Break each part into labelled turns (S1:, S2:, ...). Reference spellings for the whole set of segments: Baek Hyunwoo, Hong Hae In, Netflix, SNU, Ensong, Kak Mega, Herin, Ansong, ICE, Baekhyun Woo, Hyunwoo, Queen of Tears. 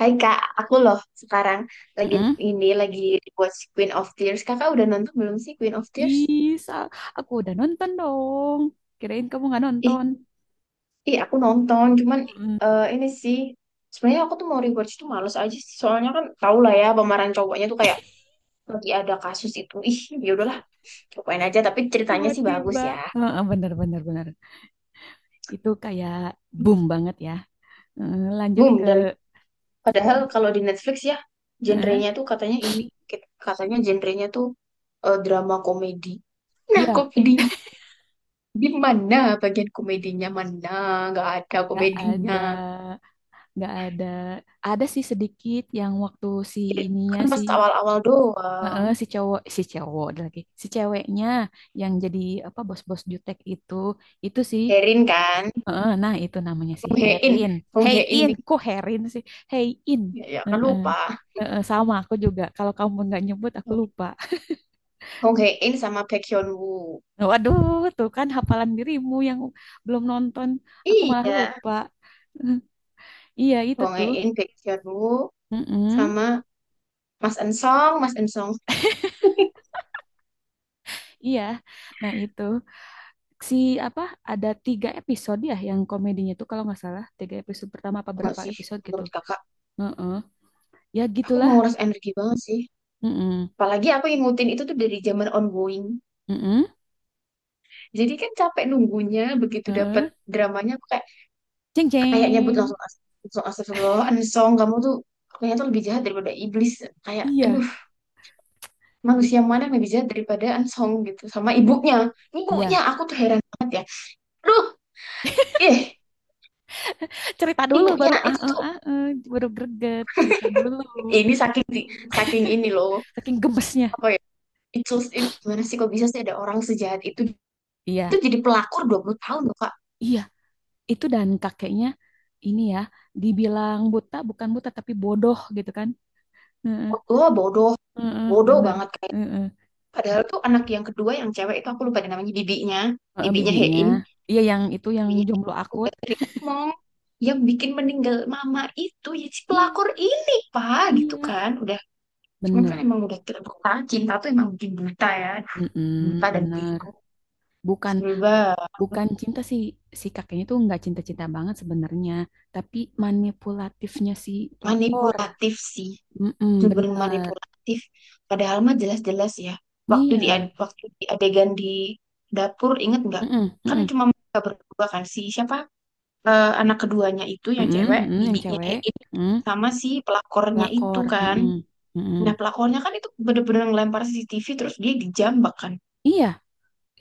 S1: Hai Kak, aku loh sekarang lagi
S2: Mm-mm.
S1: lagi watch Queen of Tears. Kakak udah nonton belum sih Queen of Tears?
S2: Ih, Sal, aku udah nonton dong. Kirain kamu nggak
S1: Ih,
S2: nonton.
S1: ih aku nonton, cuman
S2: Mm-mm.
S1: ini sih sebenarnya aku tuh mau rewatch tuh males aja sih. Soalnya kan tau lah ya pemeran cowoknya tuh kayak lagi ada kasus itu. Ih, ya udahlah, cobain aja. Tapi ceritanya sih bagus
S2: Tiba-tiba,
S1: ya.
S2: heeh, bener bener bener. Itu kayak
S1: Hmm.
S2: boom banget ya. Heeh, lanjut
S1: Boom
S2: ke,
S1: dan padahal kalau di Netflix ya
S2: heeh.
S1: genrenya tuh katanya ini katanya genrenya tuh drama komedi. Nah,
S2: Iya,
S1: komedinya. Gimana bagian komedinya? Mana? Nggak ada
S2: nggak
S1: komedinya.
S2: ada, nggak ada. Ada sih sedikit yang waktu si ininya
S1: Kan
S2: si
S1: pas awal-awal
S2: heeh,
S1: doang.
S2: si cowok ada lagi, si ceweknya yang jadi apa bos-bos jutek itu sih
S1: Herin kan?
S2: heeh, nah itu namanya si
S1: Hong Hae In,
S2: Herin.
S1: Hong
S2: Hey
S1: Hae In
S2: In,
S1: nih.
S2: kok Herin sih? Hey In.
S1: Ya, ya, kan
S2: Heeh.
S1: lupa.
S2: Heeh, sama aku juga. Kalau kamu nggak nyebut aku lupa.
S1: Hong Hae In sama Baekhyun Woo.
S2: Waduh, tuh kan hafalan dirimu yang belum nonton, aku malah
S1: Iya.
S2: lupa. Iya itu
S1: Hong
S2: tuh.
S1: Hae In, Baekhyun Woo
S2: Mm-mm.
S1: sama Mas Ensong, Mas Ensong
S2: Iya. Nah itu si apa? Ada 3 episode ya yang komedinya tuh kalau nggak salah 3 episode pertama apa
S1: enggak
S2: berapa
S1: sih
S2: episode gitu.
S1: menurut kakak.
S2: Heeh. Ya
S1: Aku
S2: gitulah.
S1: mau nguras energi banget sih.
S2: Mm-mm.
S1: Apalagi aku yang ngikutin itu tuh dari zaman ongoing.
S2: Mm-mm.
S1: Jadi kan capek nunggunya, begitu dapet
S2: Heeh.
S1: dramanya aku kayak
S2: Ceng
S1: kayak nyebut
S2: ceng.
S1: langsung langsung astagfirullah Ansong kamu tuh kayaknya tuh lebih jahat daripada iblis kayak aduh
S2: Iya.
S1: manusia mana yang lebih jahat daripada Ansong gitu sama
S2: Iya.
S1: ibunya. Ibunya
S2: Iya.
S1: aku tuh heran banget ya aduh eh,
S2: Cerita dulu
S1: ibunya
S2: baru
S1: itu tuh.
S2: baru greget, cerita dulu.
S1: Ini saking saking ini loh
S2: Saking gemesnya.
S1: apa ya itu gimana sih kok bisa sih ada orang sejahat itu. Itu
S2: Iya.
S1: jadi pelakor 20 tahun loh kak.
S2: Iya, itu dan kakeknya ini ya dibilang buta bukan buta tapi bodoh gitu kan. Heeh,
S1: Bodoh bodoh
S2: heeh,
S1: bodoh
S2: bener.
S1: banget kayak
S2: Heeh.
S1: padahal tuh anak yang kedua yang cewek itu aku lupa namanya bibinya.
S2: Heeh,
S1: Bibinya
S2: bibinya.
S1: Hein
S2: Iya yang itu yang
S1: Dewinya.
S2: jomblo
S1: Aku
S2: akut.
S1: gak tadi ngomong, yang bikin meninggal mama itu ya si
S2: Iya,
S1: pelakor ini pak gitu
S2: iya.
S1: kan udah. Cuman kan
S2: Bener.
S1: emang udah terbuka, cinta tuh emang bikin buta ya, buta
S2: Mm-mm,
S1: dan
S2: bener.
S1: bego,
S2: Bukan
S1: sebel banget.
S2: bukan cinta sih, si kakeknya tuh nggak cinta-cinta banget sebenarnya, tapi manipulatifnya si pelakor.
S1: Manipulatif sih,
S2: Mm-mm,
S1: sumber
S2: bener.
S1: manipulatif. Padahal mah jelas-jelas ya waktu
S2: Iya.
S1: waktu di adegan di dapur inget nggak,
S2: Mm-mm,
S1: kan
S2: mm-mm,
S1: cuma mereka berdua kan si siapa. Eh, anak keduanya itu yang
S2: mm-mm,
S1: cewek
S2: mm-mm, yang
S1: bibinya
S2: cewek.
S1: Hein
S2: Mm,
S1: sama si pelakornya itu
S2: pelakor.
S1: kan.
S2: Mm-mm, mm-mm.
S1: Nah, pelakonnya kan itu bener-bener ngelempar CCTV terus dia dijambak kan.
S2: Iya,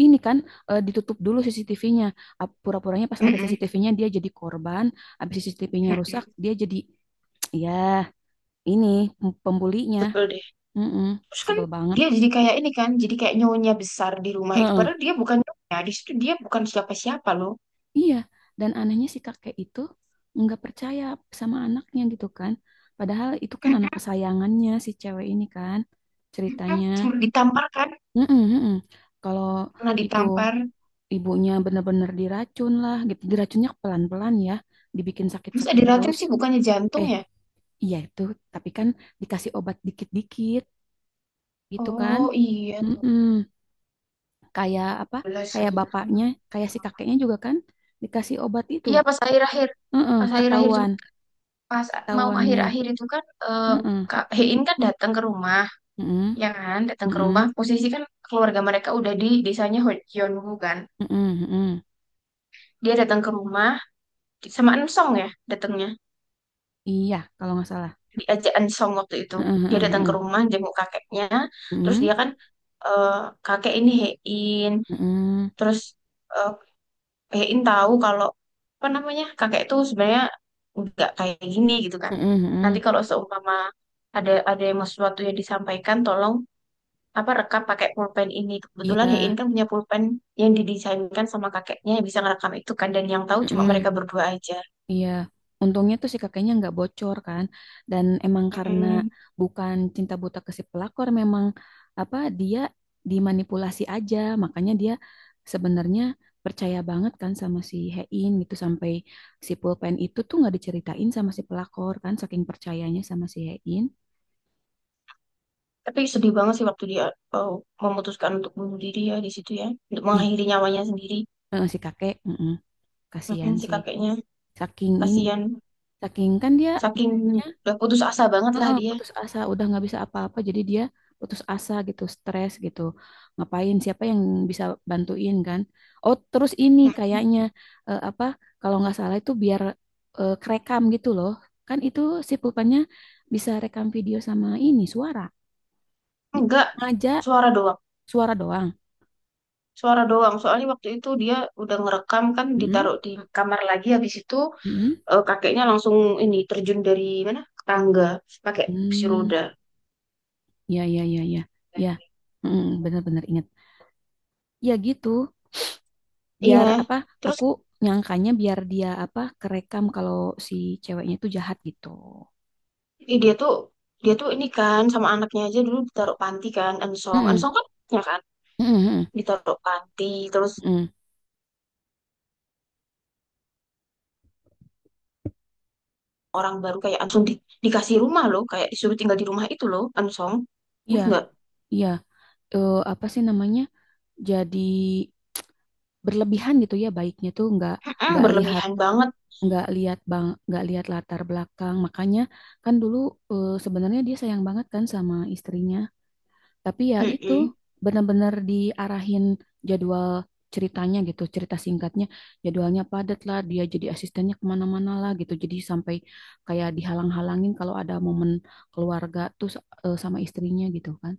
S2: ini kan eh, ditutup dulu CCTV-nya. Pura-puranya pas ada
S1: Mm-mm,
S2: CCTV-nya dia jadi korban. Habis CCTV-nya rusak,
S1: mm-mm.
S2: dia jadi, ya ini pembulinya.
S1: Sebel deh.
S2: Mm-mm,
S1: Terus kan
S2: sebel banget.
S1: dia jadi kayak ini kan, jadi kayak nyonya besar di rumah itu.
S2: Heeh,
S1: Padahal dia bukan nyonya, di situ dia bukan siapa-siapa loh.
S2: iya, dan anehnya si kakek itu nggak percaya sama anaknya gitu kan. Padahal itu kan anak
S1: Mm-mm,
S2: kesayangannya si cewek ini kan
S1: mm-mm.
S2: ceritanya.
S1: Sempet ditampar kan,
S2: Mm-mm, mm-mm. Kalau
S1: pernah
S2: itu
S1: ditampar.
S2: ibunya benar-benar diracun lah gitu. Diracunnya pelan-pelan ya, dibikin
S1: Terus
S2: sakit-sakit
S1: ada racun
S2: terus.
S1: sih bukannya jantung
S2: Eh,
S1: ya?
S2: iya itu, tapi kan dikasih obat dikit-dikit gitu kan.
S1: Oh iya,
S2: Mm-mm. Kayak apa?
S1: 12
S2: Kayak
S1: lirung.
S2: bapaknya, kayak si kakeknya juga kan dikasih obat itu.
S1: Iya pas akhir-akhir,
S2: Mm-mm,
S1: cuma
S2: ketahuan,
S1: pas mau
S2: ketahuannya.
S1: akhir-akhir itu kan
S2: Mm-mm,
S1: Kak Hein kan datang ke rumah.
S2: mm-mm,
S1: Ya kan datang ke rumah,
S2: mm-mm,
S1: posisi kan keluarga mereka udah di desanya Gyeonggu kan.
S2: mm-mm, mm-mm.
S1: Dia datang ke rumah sama Ensong ya datangnya,
S2: Iya, kalau nggak salah.
S1: diajak Ensong waktu itu,
S2: Mm-mm,
S1: dia datang ke
S2: mm-mm,
S1: rumah jenguk kakeknya. Terus
S2: mm-mm,
S1: dia kan eh, kakek ini Hein,
S2: mm-mm,
S1: terus eh, Hein tahu kalau apa namanya kakek itu sebenarnya nggak kayak gini gitu kan.
S2: mm-mm,
S1: Nanti
S2: mm-mm.
S1: kalau seumpama ada yang mau sesuatu yang disampaikan tolong apa rekam pakai pulpen ini, kebetulan
S2: Iya,
S1: Hein kan punya pulpen yang didesainkan sama kakeknya yang bisa ngerekam itu kan, dan yang tahu cuma
S2: mm-mm,
S1: mereka berdua aja.
S2: iya, untungnya tuh si kakeknya nggak bocor kan, dan emang karena
S1: Mm-mm.
S2: bukan cinta buta ke si pelakor, memang apa dia dimanipulasi aja, makanya dia sebenarnya percaya banget kan sama si Hein gitu sampai si pulpen itu tuh nggak diceritain sama si pelakor kan, saking percayanya sama si Hein.
S1: Tapi sedih banget sih waktu dia, oh, memutuskan untuk bunuh diri ya di situ ya, untuk
S2: Ih,
S1: mengakhiri nyawanya sendiri.
S2: eh, si kakek, mm,
S1: Mm-mm,
S2: kasihan
S1: si
S2: sih,
S1: kakeknya
S2: saking ini,
S1: kasihan,
S2: saking kan dia
S1: saking
S2: betulnya.
S1: udah putus asa banget lah
S2: Heeh,
S1: dia.
S2: putus asa udah nggak bisa apa-apa jadi dia putus asa gitu stres gitu ngapain siapa yang bisa bantuin kan. Oh terus ini
S1: Mm-mm.
S2: kayaknya eh, apa kalau nggak salah itu biar eh, kerekam gitu loh kan itu si pulpennya bisa rekam video sama ini suara. Bi-
S1: Enggak,
S2: ngajak
S1: suara doang,
S2: suara doang.
S1: suara doang soalnya waktu itu dia udah ngerekam kan,
S2: Mm-mm,
S1: ditaruh di kamar lagi, habis itu
S2: mm-mm.
S1: kakeknya langsung ini terjun dari mana, tangga, pakai kursi
S2: Hmm,
S1: roda.
S2: ya ya ya ya ya. Mm, benar-benar ingat ya gitu
S1: Iya
S2: biar apa
S1: terus
S2: aku nyangkanya biar dia apa kerekam kalau si ceweknya itu jahat gitu.
S1: eh, dia tuh dia tuh ini kan sama anaknya aja dulu ditaruh panti kan, Ensong
S2: Mm-mm,
S1: Ensong kan, ya kan,
S2: mm-mm, mm-mm,
S1: ditaruh panti. Terus
S2: mm-mm.
S1: orang baru kayak Ansong dikasih rumah loh, kayak disuruh tinggal di rumah itu loh Ansong,
S2: Iya,
S1: terus nggak.
S2: iya. Eh, apa sih namanya? Jadi berlebihan gitu ya baiknya tuh
S1: Mm-mm,
S2: nggak lihat
S1: berlebihan banget.
S2: nggak lihat bang nggak lihat latar belakang makanya kan dulu eh, sebenarnya dia sayang banget kan sama istrinya. Tapi ya itu
S1: Mm-mm,
S2: benar-benar diarahin jadwal ceritanya gitu, cerita singkatnya jadwalnya padat lah, dia jadi asistennya kemana-mana lah gitu. Jadi sampai kayak dihalang-halangin kalau ada momen keluarga tuh eh, sama istrinya gitu kan.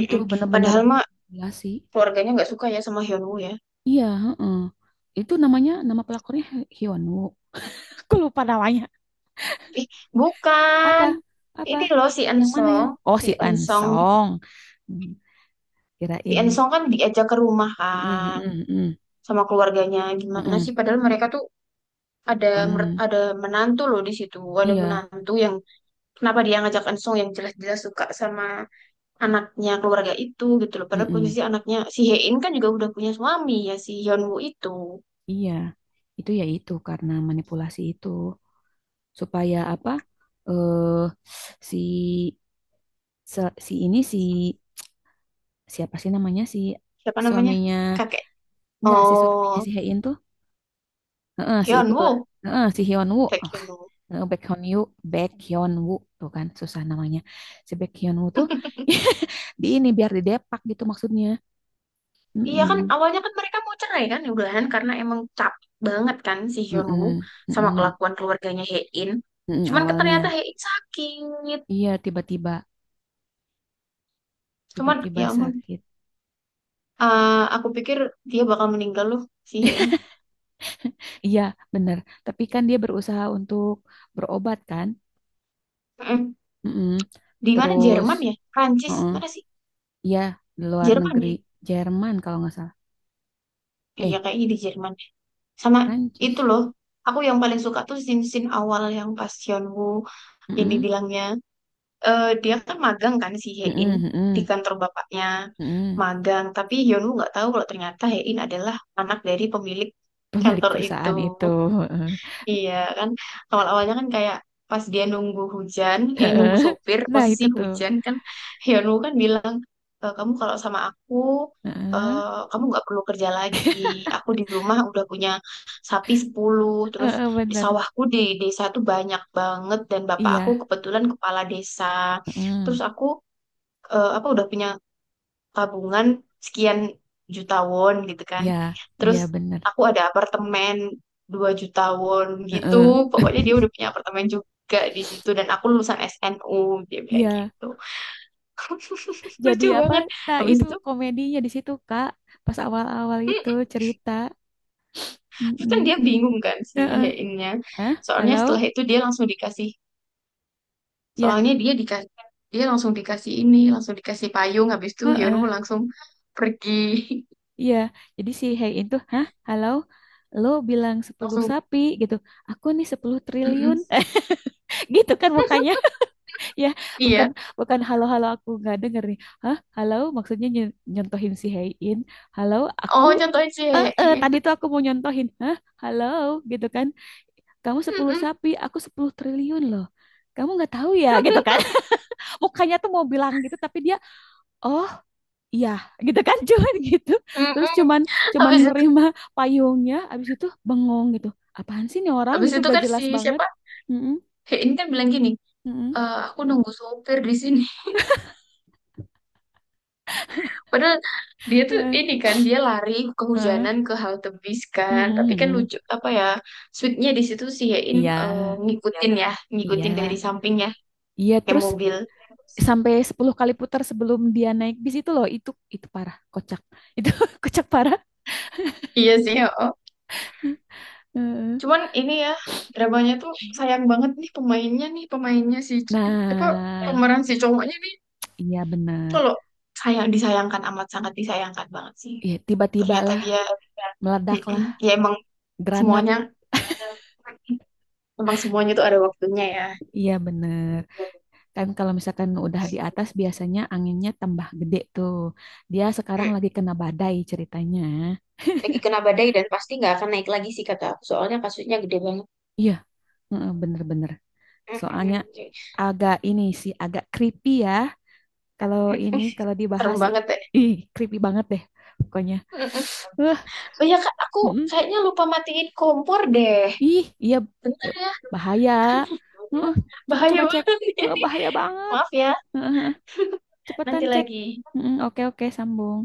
S2: Gitu benar-benar
S1: Padahal mah
S2: dimanipulasi.
S1: keluarganya nggak suka ya sama Hyunwoo ya.
S2: Iya, heeh. Itu namanya nama pelakornya Hyunwoo. Aku lupa namanya.
S1: Ih bukan,
S2: Apa?
S1: ini
S2: Apa?
S1: loh si
S2: Yang mana ya?
S1: Ensong,
S2: Oh,
S1: si
S2: si
S1: Ensong.
S2: Ansong. Hmm,
S1: Si
S2: kirain.
S1: Ensong kan diajak ke rumah
S2: Mm, mm,
S1: kan
S2: mm, mm,
S1: sama keluarganya.
S2: mm, mm,
S1: Gimana sih?
S2: mm.
S1: Padahal mereka tuh ada
S2: Bukan.
S1: ada menantu loh di situ. Ada
S2: Iya,
S1: menantu, yang kenapa dia ngajak Ensong yang jelas-jelas suka sama anaknya keluarga itu gitu loh. Padahal
S2: mm-mm,
S1: posisi anaknya si Hein kan juga udah punya suami ya si Hyunwoo itu.
S2: iya. Itu ya itu karena manipulasi itu supaya apa? Eh, si si ini si siapa sih namanya si
S1: Siapa namanya?
S2: suaminya,
S1: Kakek.
S2: enggak si
S1: Oh,
S2: suaminya si Hein tuh. Heeh, si itulah.
S1: Hyunwoo.
S2: Heeh, si Hyun Woo.
S1: Baek
S2: Oh
S1: Hyunwoo.
S2: eh, Baekhyun Yu, Baekhyun Woo tuh kan susah namanya. Si Baekhyun Woo tuh di ini biar didepak gitu maksudnya.
S1: Iya kan
S2: Mm-mm,
S1: awalnya kan mereka mau cerai kan ya udahan karena emang capek banget kan si Hyunwoo
S2: mm-mm,
S1: sama
S2: mm-mm,
S1: kelakuan keluarganya Hae-in.
S2: mm-mm,
S1: Cuman ternyata
S2: awalnya.
S1: Hae-in sakit.
S2: Iya, tiba-tiba
S1: Cuman
S2: tiba-tiba
S1: ya ampun
S2: sakit.
S1: aku pikir dia bakal meninggal loh si Hae-in.
S2: Iya, bener. Tapi kan dia berusaha untuk berobat kan.
S1: Mm-mm.
S2: Mm-mm.
S1: Di mana
S2: Terus,
S1: Jerman ya? Prancis
S2: mm,
S1: mana sih?
S2: iya, di luar
S1: Jerman
S2: negeri.
S1: ya?
S2: Jerman kalau nggak salah.
S1: Iya
S2: Eh,
S1: kayaknya di Jerman. Sama itu
S2: Prancis.
S1: loh. Aku yang paling suka tuh scene-scene awal yang pas Hyunwoo ini
S2: Mm-mm.
S1: bilangnya dia kan magang kan si Hein
S2: Mm-mm,
S1: di
S2: mm-mm,
S1: kantor bapaknya,
S2: mm-mm.
S1: magang tapi Hyunwoo nggak tahu kalau ternyata Hein adalah anak dari pemilik
S2: Pemilik
S1: kantor itu.
S2: perusahaan itu.
S1: Iya kan awal-awalnya kan kayak pas dia nunggu hujan, eh nunggu
S2: Heeh.
S1: sopir
S2: Nah,
S1: posisi
S2: itu tuh.
S1: hujan kan, Hyunwoo kan bilang, "E, kamu kalau sama aku
S2: Heeh.
S1: kamu nggak perlu kerja lagi. Aku di rumah udah punya sapi 10, terus
S2: Heeh,
S1: di
S2: bener.
S1: sawahku di desa tuh banyak banget, dan bapak aku
S2: Iya.
S1: kebetulan kepala desa. Terus
S2: Mm-mm.
S1: aku apa udah punya tabungan sekian juta won gitu kan.
S2: Iya, iya
S1: Terus
S2: bener.
S1: aku ada apartemen 2 juta won gitu.
S2: Heeh.
S1: Pokoknya dia udah punya apartemen juga di situ dan aku lulusan SNU," dia bilang
S2: Iya,
S1: gitu.
S2: jadi
S1: Lucu
S2: apa?
S1: banget.
S2: Nah,
S1: Habis
S2: itu
S1: itu
S2: komedinya di situ, Kak. Pas awal-awal itu
S1: mm,
S2: cerita.
S1: terus kan
S2: Mm-mm.
S1: dia bingung kan si
S2: Heeh.
S1: Hein-nya.
S2: Hah?
S1: Soalnya setelah
S2: Halo?
S1: itu dia langsung dikasih,
S2: Ya,
S1: soalnya dia dikasih, dia langsung dikasih ini, langsung dikasih payung, habis itu
S2: heeh.
S1: Hyunwoo langsung pergi.
S2: Iya. Jadi si Hey itu, "Hah? Halo? Lo bilang 10
S1: Langsung
S2: sapi gitu. Aku nih 10
S1: mm-mm.
S2: triliun." Gitu kan mukanya. Ya, bukan
S1: Iya,
S2: bukan halo-halo aku nggak denger nih. "Hah? Halo?" Maksudnya nyontohin si Hein. "Halo, aku."
S1: oh, contohnya
S2: Eh, eh,
S1: ICE.
S2: tadi tuh aku mau nyontohin. "Hah? Halo?" gitu kan. "Kamu sepuluh
S1: Mm-mm.
S2: sapi, aku 10 triliun loh." Kamu nggak tahu ya gitu kan. Mukanya tuh mau bilang gitu tapi dia oh iya gitu kan, cuman gitu terus cuman cuman
S1: Habis itu,
S2: nerima payungnya abis itu bengong gitu apaan sih nih orang
S1: habis
S2: gitu
S1: itu
S2: gak
S1: kan
S2: jelas
S1: si
S2: banget.
S1: siapa?
S2: Mm-mm,
S1: He ini kan bilang gini,
S2: mm-mm,
S1: "Eh, aku nunggu sopir di sini." Padahal dia tuh
S2: eh,
S1: ini kan, dia lari
S2: eh,
S1: kehujanan ke halte bis kan.
S2: mm-mm,
S1: Tapi kan
S2: mm-mm.
S1: lucu apa ya? Sweetnya di situ, si Hein
S2: Iya
S1: ngikutin ya, ngikutin dari
S2: iya
S1: sampingnya
S2: iya
S1: kayak
S2: terus
S1: mobil.
S2: sampai 10 kali putar sebelum dia naik bis itu loh itu parah kocak itu kocak parah.
S1: Iya sih, oh.
S2: Eh, eh.
S1: Cuman ini ya dramanya tuh sayang banget nih pemainnya, nih pemainnya si apa,
S2: Nah
S1: pemeran si cowoknya nih
S2: iya
S1: itu
S2: bener.
S1: loh, sayang, disayangkan, amat sangat disayangkan banget sih
S2: Iya, tiba-tiba
S1: ternyata
S2: lah,
S1: dia.
S2: meledak
S1: Mm-mm.
S2: lah,
S1: Ya emang
S2: granat.
S1: semuanya, emang semuanya tuh ada waktunya ya.
S2: Iya, bener. Kan kalau misalkan udah di atas biasanya anginnya tambah gede tuh. Dia sekarang
S1: Mm,
S2: lagi kena badai ceritanya.
S1: lagi kena badai dan pasti nggak akan naik lagi sih kata aku. Soalnya kasusnya gede banget.
S2: Iya, heeh, bener-bener.
S1: Mm,
S2: Soalnya
S1: mm, mm.
S2: agak ini sih, agak creepy ya. Kalau ini, kalau
S1: Serem
S2: dibahas,
S1: banget ya.
S2: ih, creepy banget deh pokoknya.
S1: Mm, mm.
S2: Uh,
S1: Oh iya kak, aku
S2: mm-mm.
S1: kayaknya lupa matiin kompor deh.
S2: Ih, iya,
S1: Bentar
S2: eh,
S1: ya.
S2: bahaya. Uh,
S1: Bahaya
S2: coba-coba cek.
S1: banget. Ini
S2: Bahaya banget.
S1: maaf ya,
S2: Uh, cepetan
S1: nanti
S2: cek.
S1: lagi
S2: Mm, oke, oke, sambung.